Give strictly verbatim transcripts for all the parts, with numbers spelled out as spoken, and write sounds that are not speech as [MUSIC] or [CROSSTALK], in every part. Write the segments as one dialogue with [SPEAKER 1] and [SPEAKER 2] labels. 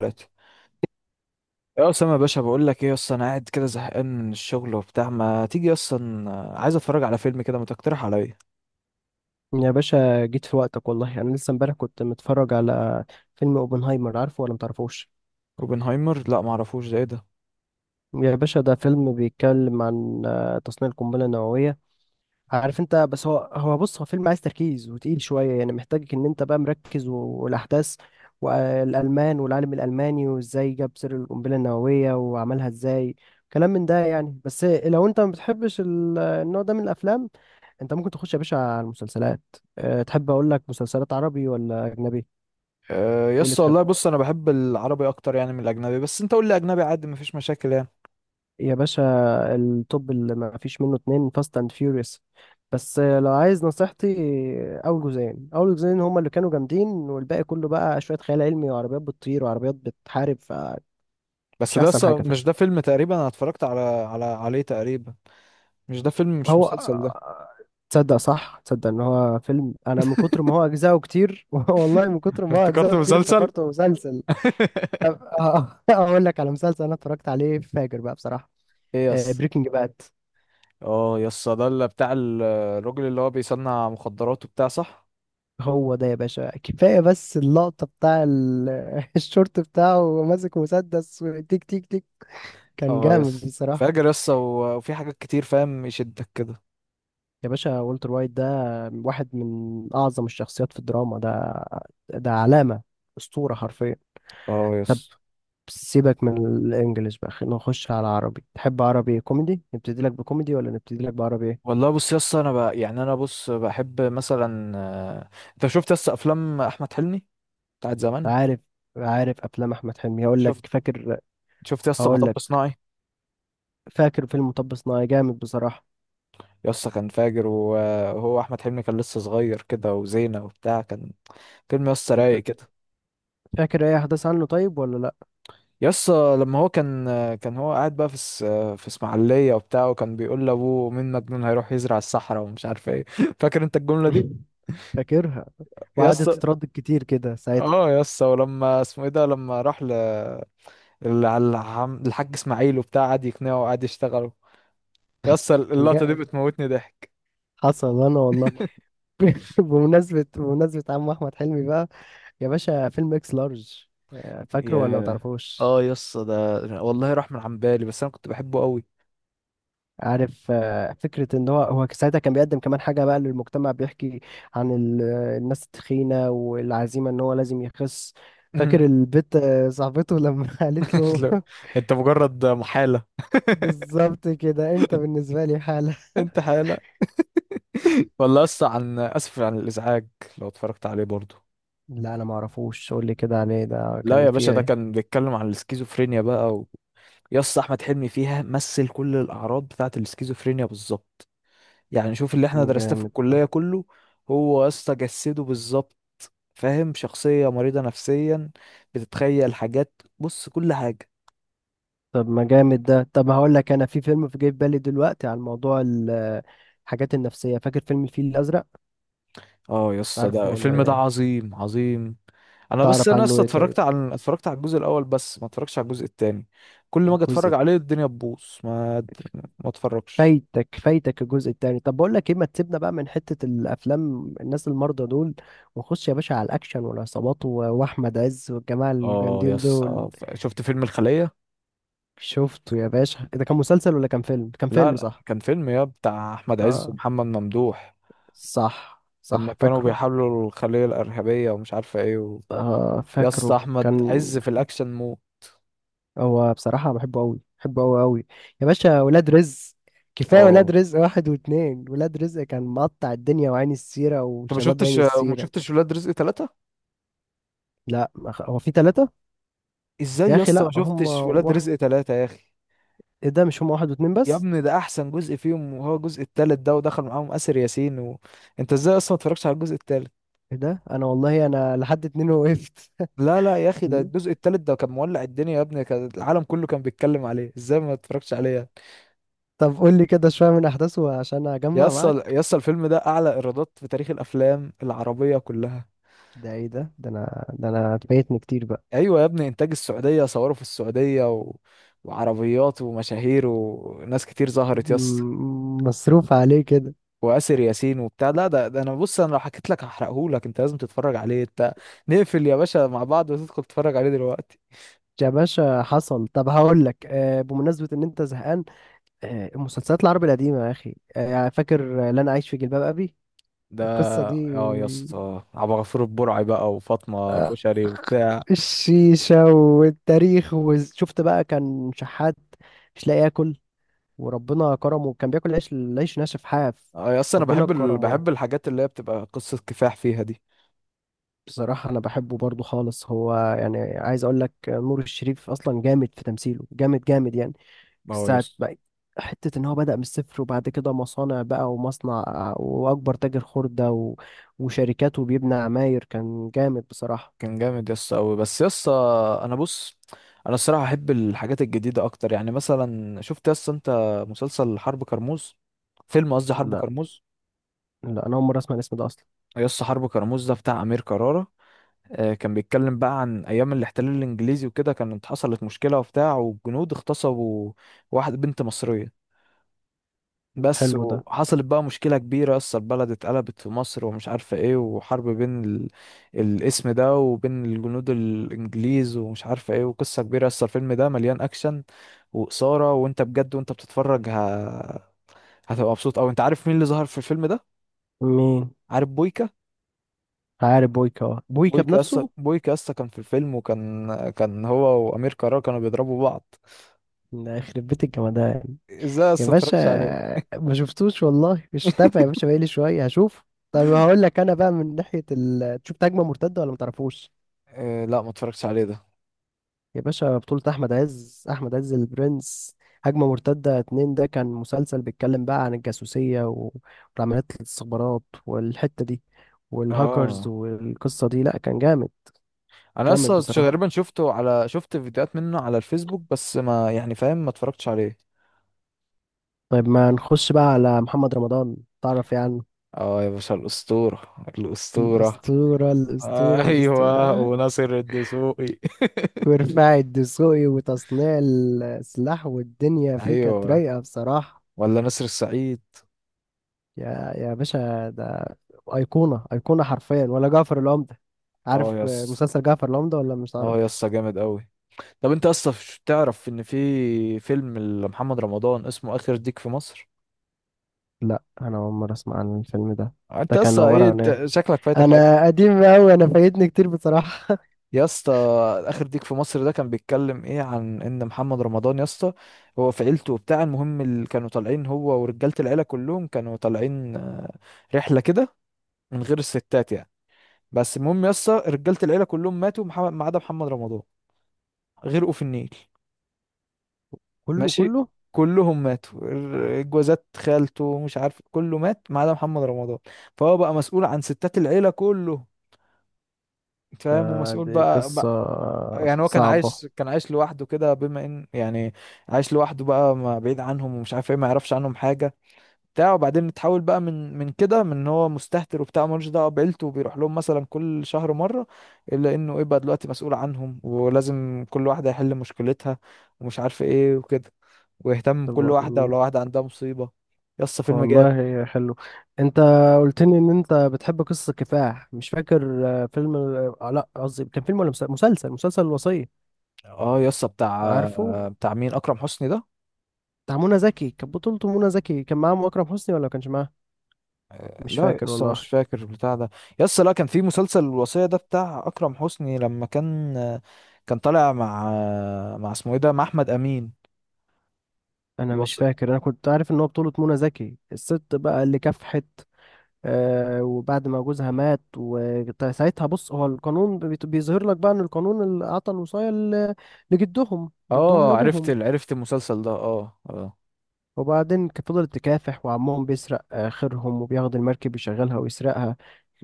[SPEAKER 1] ثلاثة. يا أسامة يا باشا بقول لك إيه، أصلا أنا قاعد كده زهقان من الشغل وبتاع، ما تيجي أصلا عايز أتفرج على فيلم كده، ما تقترح عليا.
[SPEAKER 2] يا باشا، جيت في وقتك. والله انا لسه امبارح كنت متفرج على فيلم اوبنهايمر. عارفه ولا متعرفوش؟
[SPEAKER 1] اوبنهايمر؟ لا معرفوش، ده إيه ده؟
[SPEAKER 2] يا باشا، ده فيلم بيتكلم عن آه، تصنيع القنبله النوويه. عارف انت، بس هو هو بص هو فيلم عايز تركيز وتقيل شويه يعني، محتاجك ان انت بقى مركز و- والاحداث والالمان والعالم الالماني وازاي جاب سر القنبله النوويه وعملها ازاي. كلام من ده يعني، بس لو انت ما بتحبش ال- النوع ده من الافلام، انت ممكن تخش يا باشا على المسلسلات. أه، تحب اقول لك مسلسلات عربي ولا اجنبي؟
[SPEAKER 1] آه، يا
[SPEAKER 2] ايه اللي
[SPEAKER 1] اسطى
[SPEAKER 2] تحب
[SPEAKER 1] والله بص، أنا بحب العربي أكتر يعني من الأجنبي، بس أنت قول لي أجنبي عادي مفيش مشاكل يعني.
[SPEAKER 2] يا باشا؟ التوب اللي ما فيش منه اتنين، فاست اند فيوريوس. بس لو عايز نصيحتي، اول جزئين اول جزئين هما اللي كانوا جامدين، والباقي كله بقى شوية خيال علمي، وعربيات بتطير وعربيات بتحارب، فمش
[SPEAKER 1] بس ده
[SPEAKER 2] احسن
[SPEAKER 1] أصلا
[SPEAKER 2] حاجة. فاهم؟
[SPEAKER 1] مش ده فيلم؟ تقريبا أنا اتفرجت على على عليه تقريبا. مش ده فيلم؟ مش
[SPEAKER 2] هو.
[SPEAKER 1] مسلسل ده.
[SPEAKER 2] تصدق صح تصدق ان هو فيلم، انا من كتر ما هو اجزاءه كتير [LAUGHS] والله من كتر
[SPEAKER 1] [LAUGHS]
[SPEAKER 2] ما هو
[SPEAKER 1] افتكرت
[SPEAKER 2] اجزاءه كتير
[SPEAKER 1] مسلسل.
[SPEAKER 2] افتكرته مسلسل. أب-
[SPEAKER 1] [LAUGHS]
[SPEAKER 2] [LAUGHS] اقول لك على مسلسل انا اتفرجت عليه فاجر بقى بصراحة.
[SPEAKER 1] إيه يا اسطى؟
[SPEAKER 2] بريكنج باد.
[SPEAKER 1] أه يا اسطى، ده اللي بتاع ال- الراجل اللي هو بيصنع مخدرات وبتاع، صح.
[SPEAKER 2] هو ده يا باشا، كفاية بس اللقطة بتاع ال- [LAUGHS] الشورت بتاعه وهو ماسك مسدس، تيك تيك تيك. كان
[SPEAKER 1] اه
[SPEAKER 2] جامد
[SPEAKER 1] يس
[SPEAKER 2] بصراحة.
[SPEAKER 1] فاجر يس، و- وفي حاجات كتير فاهم يشدك كده.
[SPEAKER 2] يا باشا، والتر وايت ده واحد من أعظم الشخصيات في الدراما. ده ده علامة، أسطورة حرفيا.
[SPEAKER 1] اه
[SPEAKER 2] طب،
[SPEAKER 1] يس.
[SPEAKER 2] سيبك من الإنجليش بقى، خلينا نخش على عربي. تحب عربي كوميدي؟ نبتدي لك بكوميدي ولا نبتدي لك بعربي إيه؟
[SPEAKER 1] والله بص يس، انا بقى يعني انا بص بحب مثلا، آه، انت شفت يس افلام احمد حلمي بتاعت زمان؟
[SPEAKER 2] عارف عارف أفلام أحمد حلمي، هقول لك
[SPEAKER 1] شفت.
[SPEAKER 2] فاكر
[SPEAKER 1] شفت يس
[SPEAKER 2] هقول
[SPEAKER 1] مطب
[SPEAKER 2] لك
[SPEAKER 1] صناعي.
[SPEAKER 2] فاكر فيلم مطب صناعي. جامد بصراحة.
[SPEAKER 1] يس كان فاجر، وهو احمد حلمي كان لسه صغير كده، وزينة وبتاع، كان فيلم يس
[SPEAKER 2] أنت
[SPEAKER 1] رايق كده.
[SPEAKER 2] فاكر أي أحداث عنه طيب ولا؟
[SPEAKER 1] يس، لما هو كان آه، كان هو قاعد بقى في اس- آه، في اسماعيلية وبتاع، وكان بيقول لابوه مين مجنون هيروح يزرع الصحراء ومش عارف ايه. [LAUGHS] فاكر انت الجملة دي؟
[SPEAKER 2] [LAUGHS] فاكرها.
[SPEAKER 1] يس.
[SPEAKER 2] وقعدت تتردد كتير كده ساعتها.
[SPEAKER 1] اه يا اسطى، ولما اسمه ايه ده لما راح ل ال- على العم- الحاج اسماعيل وبتاع، قعد يقنعه وقعد يشتغله. يا اسطى
[SPEAKER 2] كان
[SPEAKER 1] اللقطه دي
[SPEAKER 2] جا،
[SPEAKER 1] بتموتني ضحك.
[SPEAKER 2] حصل انا والله.
[SPEAKER 1] والله.
[SPEAKER 2] [LAUGHS] بمناسبة بمناسبة عم احمد حلمي بقى، يا باشا، فيلم اكس لارج.
[SPEAKER 1] [LAUGHS]
[SPEAKER 2] آه، فاكره ولا ما
[SPEAKER 1] يا،
[SPEAKER 2] تعرفوش؟
[SPEAKER 1] اه يا اسطى، ده والله راح من عن بالي، بس انا كنت بحبه قوي.
[SPEAKER 2] عارف آه، فكرة ان هو هو ساعتها كان بيقدم كمان حاجة بقى للمجتمع، بيحكي عن ال- آه، الناس التخينة والعزيمة ان هو لازم يخس. فاكر البت آه، صاحبته لما [LAUGHS] قالت له
[SPEAKER 1] لا، [LAUGHS]
[SPEAKER 2] [LAUGHS]
[SPEAKER 1] انت مجرد محاله. [LAUGHS]
[SPEAKER 2] بالظبط كده، انت بالنسبة لي حالة.
[SPEAKER 1] انت حاله. والله اسطى، عن اسف عن الازعاج. لو اتفرجت عليه برضه.
[SPEAKER 2] لا انا ما اعرفوش، قول لي كده عليه، ده
[SPEAKER 1] لا
[SPEAKER 2] كان
[SPEAKER 1] يا باشا،
[SPEAKER 2] فيه
[SPEAKER 1] ده
[SPEAKER 2] إيه؟
[SPEAKER 1] كان بيتكلم عن السكيزوفرينيا بقى و... يا اسطى، احمد حلمي فيها مثل كل الاعراض بتاعه السكيزوفرينيا بالظبط. يعني شوف اللي احنا درسناه في
[SPEAKER 2] جامد ده.
[SPEAKER 1] الكلية كله. هو يا اسطى جسده بالظبط. فاهم، شخصية مريضة نفسيا، بتتخيل حاجات. بص كل حاجة.
[SPEAKER 2] طب ما جامد ده. طب هقول لك انا في فيلم في جاي في بالي دلوقتي عن موضوع ال- الحاجات النفسية. فاكر فيلم الفيل الأزرق؟
[SPEAKER 1] اه يا اسطى،
[SPEAKER 2] تعرفه
[SPEAKER 1] ده
[SPEAKER 2] ولا
[SPEAKER 1] الفيلم ده
[SPEAKER 2] ايه؟
[SPEAKER 1] عظيم عظيم. انا بس
[SPEAKER 2] تعرف
[SPEAKER 1] انا يا
[SPEAKER 2] عنه
[SPEAKER 1] اسطى
[SPEAKER 2] ايه طيب؟
[SPEAKER 1] اتفرجت على اتفرجت على الجزء الاول، بس ما اتفرجتش على الجزء التاني. كل ما اجي اتفرج
[SPEAKER 2] الجزء
[SPEAKER 1] عليه الدنيا تبوظ، ما ما اتفرجش.
[SPEAKER 2] فايتك فايتك الجزء التاني. طب بقول لك ايه، ما تسيبنا بقى من حتة الافلام الناس المرضى دول، ونخش يا باشا على الاكشن والعصابات و- واحمد عز والجماعة
[SPEAKER 1] اه يا
[SPEAKER 2] الجامدين دول.
[SPEAKER 1] اسطى، ف- شفت فيلم الخلية؟
[SPEAKER 2] شفته يا باشا. إيه ده، كان مسلسل ولا كان فيلم؟ كان
[SPEAKER 1] لا
[SPEAKER 2] فيلم،
[SPEAKER 1] لا
[SPEAKER 2] صح.
[SPEAKER 1] كان فيلم، يا بتاع احمد عز
[SPEAKER 2] اه،
[SPEAKER 1] ومحمد ممدوح.
[SPEAKER 2] صح صح،
[SPEAKER 1] لما كانوا
[SPEAKER 2] فاكره.
[SPEAKER 1] بيحاولوا الخلية الإرهابية ومش عارفة ايه.
[SPEAKER 2] اه،
[SPEAKER 1] يا اسطى
[SPEAKER 2] فاكره
[SPEAKER 1] احمد
[SPEAKER 2] كان.
[SPEAKER 1] عز في الاكشن مو.
[SPEAKER 2] هو بصراحة بحبه أوي بحبه أوي أوي. يا باشا، ولاد رزق. كفاية ولاد
[SPEAKER 1] اه.
[SPEAKER 2] رزق واحد واتنين. ولاد رزق كان مقطع الدنيا، وعين السيرة
[SPEAKER 1] انت ما
[SPEAKER 2] وشباب عين
[SPEAKER 1] شفتش، ما
[SPEAKER 2] السيرة.
[SPEAKER 1] شفتش ولاد رزق تلاتة؟
[SPEAKER 2] لا، ما خ- هو في تلاتة؟
[SPEAKER 1] ازاي
[SPEAKER 2] يا
[SPEAKER 1] يا
[SPEAKER 2] أخي
[SPEAKER 1] اسطى ما
[SPEAKER 2] لا، هم
[SPEAKER 1] شفتش ولاد
[SPEAKER 2] واحد.
[SPEAKER 1] رزق ثلاثة يا اخي؟
[SPEAKER 2] إيه ده؟ مش هم واحد واتنين
[SPEAKER 1] يا
[SPEAKER 2] بس؟
[SPEAKER 1] ابني ده احسن جزء فيهم، وهو الجزء التالت ده، ودخل معاهم اسر ياسين و... انت ازاي اصلا ما اتفرجتش على الجزء التالت؟
[SPEAKER 2] إيه ده؟ أنا والله أنا لحد اتنين وقفت.
[SPEAKER 1] لا لا يا اخي، ده
[SPEAKER 2] [LAUGHS]
[SPEAKER 1] الجزء التالت ده كان مولع الدنيا، يا ابني كان العالم كله كان بيتكلم عليه، ازاي ما اتفرجتش عليه يعني؟
[SPEAKER 2] طب قول لي كده شوية من أحداثه عشان
[SPEAKER 1] يا
[SPEAKER 2] أجمع
[SPEAKER 1] اسطى
[SPEAKER 2] معاك.
[SPEAKER 1] يا اسطى، الفيلم ده اعلى ايرادات في تاريخ الافلام العربية كلها.
[SPEAKER 2] ده إيه ده؟ ده أنا ده أنا فايتني كتير بقى.
[SPEAKER 1] ايوه يا ابني، انتاج السعوديه، صوروا في السعوديه و... وعربيات ومشاهير وناس كتير ظهرت يا اسطى،
[SPEAKER 2] م- مصروف عليه كده؟
[SPEAKER 1] واسر ياسين وبتاع. لا ده, ده انا بص انا لو حكيت لك هحرقه لك، انت لازم تتفرج عليه انت. نقفل يا باشا مع بعض، وتدخل تتفرج عليه دلوقتي.
[SPEAKER 2] يا باشا حصل. طب هقول لك، آه، بمناسبة إن أنت زهقان، آه، المسلسلات العربي القديمة يا أخي، آه، يعني فاكر آه، لن أعيش في جلباب أبي؟
[SPEAKER 1] ده
[SPEAKER 2] القصة دي،
[SPEAKER 1] اه يا اسطى، عبد الغفور البرعي بقى وفاطمه
[SPEAKER 2] آه،
[SPEAKER 1] كشري وبتاع.
[SPEAKER 2] الشيشة والتاريخ. وشفت بقى كان شحات مش لاقي ياكل، وربنا كرمه، كان بياكل عيش، العيش ناشف حاف.
[SPEAKER 1] اه يا اسطى، انا
[SPEAKER 2] ربنا
[SPEAKER 1] بحب ال...
[SPEAKER 2] كرمه.
[SPEAKER 1] بحب الحاجات اللي هي بتبقى قصه كفاح فيها دي.
[SPEAKER 2] بصراحة أنا بحبه برضو خالص. هو يعني عايز أقول لك، آه، نور الشريف أصلا جامد في تمثيله، جامد جامد يعني
[SPEAKER 1] اه يا
[SPEAKER 2] ساعة
[SPEAKER 1] اسطى.
[SPEAKER 2] بقى. حتة إن هو بدأ من الصفر، وبعد كده مصانع بقى ومصنع وأكبر تاجر خردة و... وشركات وبيبنى عماير، كان جامد بصراحة.
[SPEAKER 1] كان جامد يس قوي، بس يس انا بص، انا الصراحه احب الحاجات الجديده اكتر، يعني مثلا شفت يس انت مسلسل حرب كرموز؟ فيلم قصدي حرب
[SPEAKER 2] لا
[SPEAKER 1] كرموز.
[SPEAKER 2] لا، أنا أول مرة أسمع الاسم ده أصلا.
[SPEAKER 1] يس حرب كرموز ده بتاع امير كرارة. آه، كان بيتكلم بقى عن ايام الاحتلال الانجليزي وكده، كانت حصلت مشكله وبتاع، والجنود اغتصبوا واحده بنت مصريه بس،
[SPEAKER 2] حلو ده.
[SPEAKER 1] وحصلت بقى مشكلة كبيرة، أصل البلد اتقلبت في مصر ومش عارفة ايه، وحرب بين ال... الاسم ده وبين الجنود الإنجليز ومش عارفة ايه، وقصة كبيرة. أصل الفيلم ده مليان أكشن وإثارة، وانت بجد وانت بتتفرج ه... هتبقى مبسوط أوي. انت عارف مين اللي ظهر في الفيلم ده؟
[SPEAKER 2] مين؟
[SPEAKER 1] عارف بويكا؟
[SPEAKER 2] عارف بويكا؟ أه. بويكا
[SPEAKER 1] بويكا، أصلا
[SPEAKER 2] بنفسه؟
[SPEAKER 1] بويكا أصلا كان في الفيلم، وكان كان هو وأمير كرارة كانوا بيضربوا بعض.
[SPEAKER 2] ده يخرب بيت الجمدان.
[SPEAKER 1] ازاي
[SPEAKER 2] يا
[SPEAKER 1] أصلا
[SPEAKER 2] باشا
[SPEAKER 1] متفرجتش عليه؟
[SPEAKER 2] ما شفتوش والله، مش تابع يا باشا بقالي شوية، هشوف. طب
[SPEAKER 1] [LAUGHS]
[SPEAKER 2] هقول لك أنا بقى من ناحية ال... تشوف هجمة مرتدة ولا ما تعرفوش؟
[SPEAKER 1] إيه؟ لا متفرجتش عليه ده.
[SPEAKER 2] يا باشا بطولة أحمد عز، أحمد عز البرنس. هجمة مرتدة اتنين، ده كان مسلسل بيتكلم بقى عن الجاسوسية و- والعمليات الاستخبارات والحتة دي، والهاكرز
[SPEAKER 1] اه،
[SPEAKER 2] والقصة دي. لأ كان جامد،
[SPEAKER 1] انا
[SPEAKER 2] جامد
[SPEAKER 1] اصلا
[SPEAKER 2] بصراحة.
[SPEAKER 1] تقريبا شفته على شفت فيديوهات منه على الفيسبوك، بس ما يعني فاهم ما اتفرجتش عليه.
[SPEAKER 2] طيب ما نخش بقى على محمد رمضان، تعرف يعني عنه؟
[SPEAKER 1] اه يا باشا، الاسطوره الاسطوره.
[SPEAKER 2] الأسطورة،
[SPEAKER 1] [LAUGHS]
[SPEAKER 2] الأسطورة،
[SPEAKER 1] آه ايوه،
[SPEAKER 2] الأسطورة.
[SPEAKER 1] وناصر الدسوقي.
[SPEAKER 2] [LAUGHS]
[SPEAKER 1] [LAUGHS]
[SPEAKER 2] ورفاع الدسوقي وتصنيع السلاح، والدنيا فيه كانت
[SPEAKER 1] ايوه.
[SPEAKER 2] رايقة بصراحة.
[SPEAKER 1] ولا نسر السعيد.
[SPEAKER 2] يا يا باشا، ده ايقونه، ايقونه حرفيا. ولا جعفر العمده؟
[SPEAKER 1] اه
[SPEAKER 2] عارف آه،
[SPEAKER 1] يس.
[SPEAKER 2] مسلسل جعفر العمده ولا مش عارف؟
[SPEAKER 1] اه يس جامد قوي. طب انت اصلا ش- تعرف ان في فيلم لمحمد رمضان اسمه اخر ديك في مصر؟
[SPEAKER 2] لا، انا اول مره اسمع عن الفيلم ده.
[SPEAKER 1] انت
[SPEAKER 2] ده كان
[SPEAKER 1] اصلا
[SPEAKER 2] عباره
[SPEAKER 1] ايه،
[SPEAKER 2] عن ايه؟
[SPEAKER 1] انت شكلك فايتك حاجه.
[SPEAKER 2] انا قديم قوي، انا فايتني كتير بصراحه.
[SPEAKER 1] يا اسطى، اخر ديك في مصر ده كان بيتكلم ايه، عن ان محمد رمضان يا اسطى، هو في عيلته وبتاع، المهم اللي كانوا طالعين هو ورجاله العيله كلهم كانوا طالعين، آه، رحله كده من غير الستات يعني. بس المهم يا اسطى، رجاله العيله كلهم ماتوا، محمد- ما عدا محمد رمضان. غرقوا في النيل.
[SPEAKER 2] [LAUGHS] كله
[SPEAKER 1] ماشي.
[SPEAKER 2] كله.
[SPEAKER 1] كلهم ماتوا، ال- جوازات خالته مش عارف، كله مات ما عدا محمد رمضان. فهو بقى مسؤول عن ستات العيله كله،
[SPEAKER 2] ده
[SPEAKER 1] فاهم، ومسؤول
[SPEAKER 2] دي
[SPEAKER 1] بقى.
[SPEAKER 2] قصه
[SPEAKER 1] يعني هو كان
[SPEAKER 2] صعبه.
[SPEAKER 1] عايش، كان عايش لوحده كده، بما ان يعني عايش لوحده بقى، ما بعيد عنهم ومش عارف ايه، ما يعرفش عنهم حاجه بتاع وبعدين اتحول بقى من من كده، من ان هو مستهتر وبتاع ملوش دعوه بعيلته، وبيروح لهم مثلا كل شهر مره، الا انه ايه بقى دلوقتي مسؤول عنهم، ولازم كل واحده يحل مشكلتها ومش عارف ايه وكده، ويهتم بكل واحده ولو
[SPEAKER 2] طب-
[SPEAKER 1] واحده عندها مصيبه. يسطا فيلم جامد.
[SPEAKER 2] والله حلو. انت قلت لي ان انت بتحب قصه كفاح. مش فاكر آه، فيلم، آه، لا قصدي، كان فيلم ولا مسلسل مسلسل مسلسل الوصيه.
[SPEAKER 1] اه يسطا بتاع،
[SPEAKER 2] عارفه؟
[SPEAKER 1] بتاع مين؟ اكرم حسني ده؟
[SPEAKER 2] بتاع منى زكي، كانت بطولته منى زكي. كان معاهم اكرم حسني ولا ما كانش معاهم؟ مش
[SPEAKER 1] لا
[SPEAKER 2] فاكر
[SPEAKER 1] لسه مش
[SPEAKER 2] والله،
[SPEAKER 1] فاكر بتاع ده. يسا لا كان في مسلسل الوصية ده بتاع أكرم حسني، لما كان كان طالع مع مع اسمه ايه ده، مع أحمد أمين.
[SPEAKER 2] انا مش
[SPEAKER 1] الوص...
[SPEAKER 2] فاكر. انا كنت عارف ان هو بطولة منى زكي، الست بقى اللي كافحت، آه، وبعد ما جوزها مات، وساعتها بص هو القانون بيت- بيظهر لك بقى ان القانون اللي اعطى الوصاية ل- لجدهم جدهم
[SPEAKER 1] اه عرفت
[SPEAKER 2] لابوهم.
[SPEAKER 1] ال- عرفت المسلسل ده، اه اه.
[SPEAKER 2] وبعدين ك- فضلت تكافح، وعمهم بيسرق آخرهم، وبياخد المركب يشغلها ويسرقها.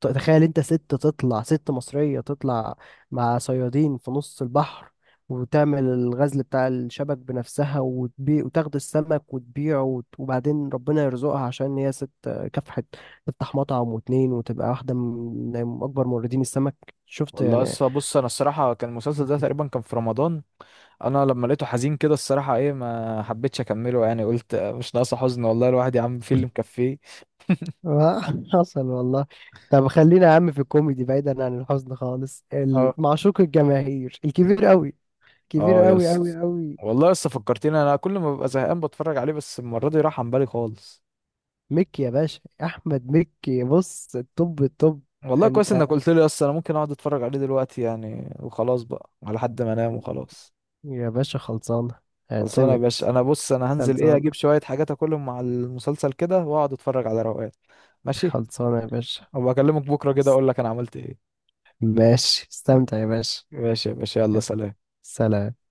[SPEAKER 2] ت- تخيل انت، ست تطلع، ست مصرية تطلع مع صيادين في نص البحر، وتعمل الغزل بتاع الشبك بنفسها وتبيع، وتاخد السمك وتبيعه، وت- وبعدين ربنا يرزقها عشان هي ست آه، كافحت، تفتح مطعم واتنين وتبقى واحدة من من أكبر موردين السمك. شفت
[SPEAKER 1] والله
[SPEAKER 2] يعني؟
[SPEAKER 1] لسه بص، انا الصراحة كان المسلسل ده تقريبا كان في رمضان. انا لما لقيته حزين كده الصراحة ايه، ما حبيتش اكمله يعني، قلت مش ناقصة حزن والله، الواحد يا عم في اللي مكفيه.
[SPEAKER 2] آه، [LAUGHS] حصل والله. طب خلينا يا عم في الكوميدي، بعيدا عن الحزن خالص. ال-
[SPEAKER 1] اه.
[SPEAKER 2] معشوق الجماهير الكبير قوي، كبير
[SPEAKER 1] اه
[SPEAKER 2] قوي قوي
[SPEAKER 1] يس.
[SPEAKER 2] قوي،
[SPEAKER 1] والله لسه فكرتني، انا كل ما ببقى زهقان بتفرج عليه، بس المرة دي راح عن بالي خالص.
[SPEAKER 2] مكي يا باشا، احمد مكي، بص، الطب الطب.
[SPEAKER 1] والله كويس
[SPEAKER 2] انت
[SPEAKER 1] انك قلت لي، اصل انا ممكن اقعد اتفرج عليه دلوقتي يعني، وخلاص بقى على حد ما انام وخلاص.
[SPEAKER 2] يا باشا خلصانه،
[SPEAKER 1] خلصانه يا
[SPEAKER 2] اعتمد.
[SPEAKER 1] باشا. انا بص انا هنزل ايه، اجيب
[SPEAKER 2] خلصانه.
[SPEAKER 1] شويه حاجات اكلهم مع المسلسل كده، واقعد اتفرج على روقان. ماشي.
[SPEAKER 2] خلصانه يا باشا.
[SPEAKER 1] وبكلمك بكره كده اقول لك انا عملت ايه.
[SPEAKER 2] ماشي، استمتع يا باشا.
[SPEAKER 1] ماشي يا باشا، يلا
[SPEAKER 2] يلا،
[SPEAKER 1] سلام.
[SPEAKER 2] سلام.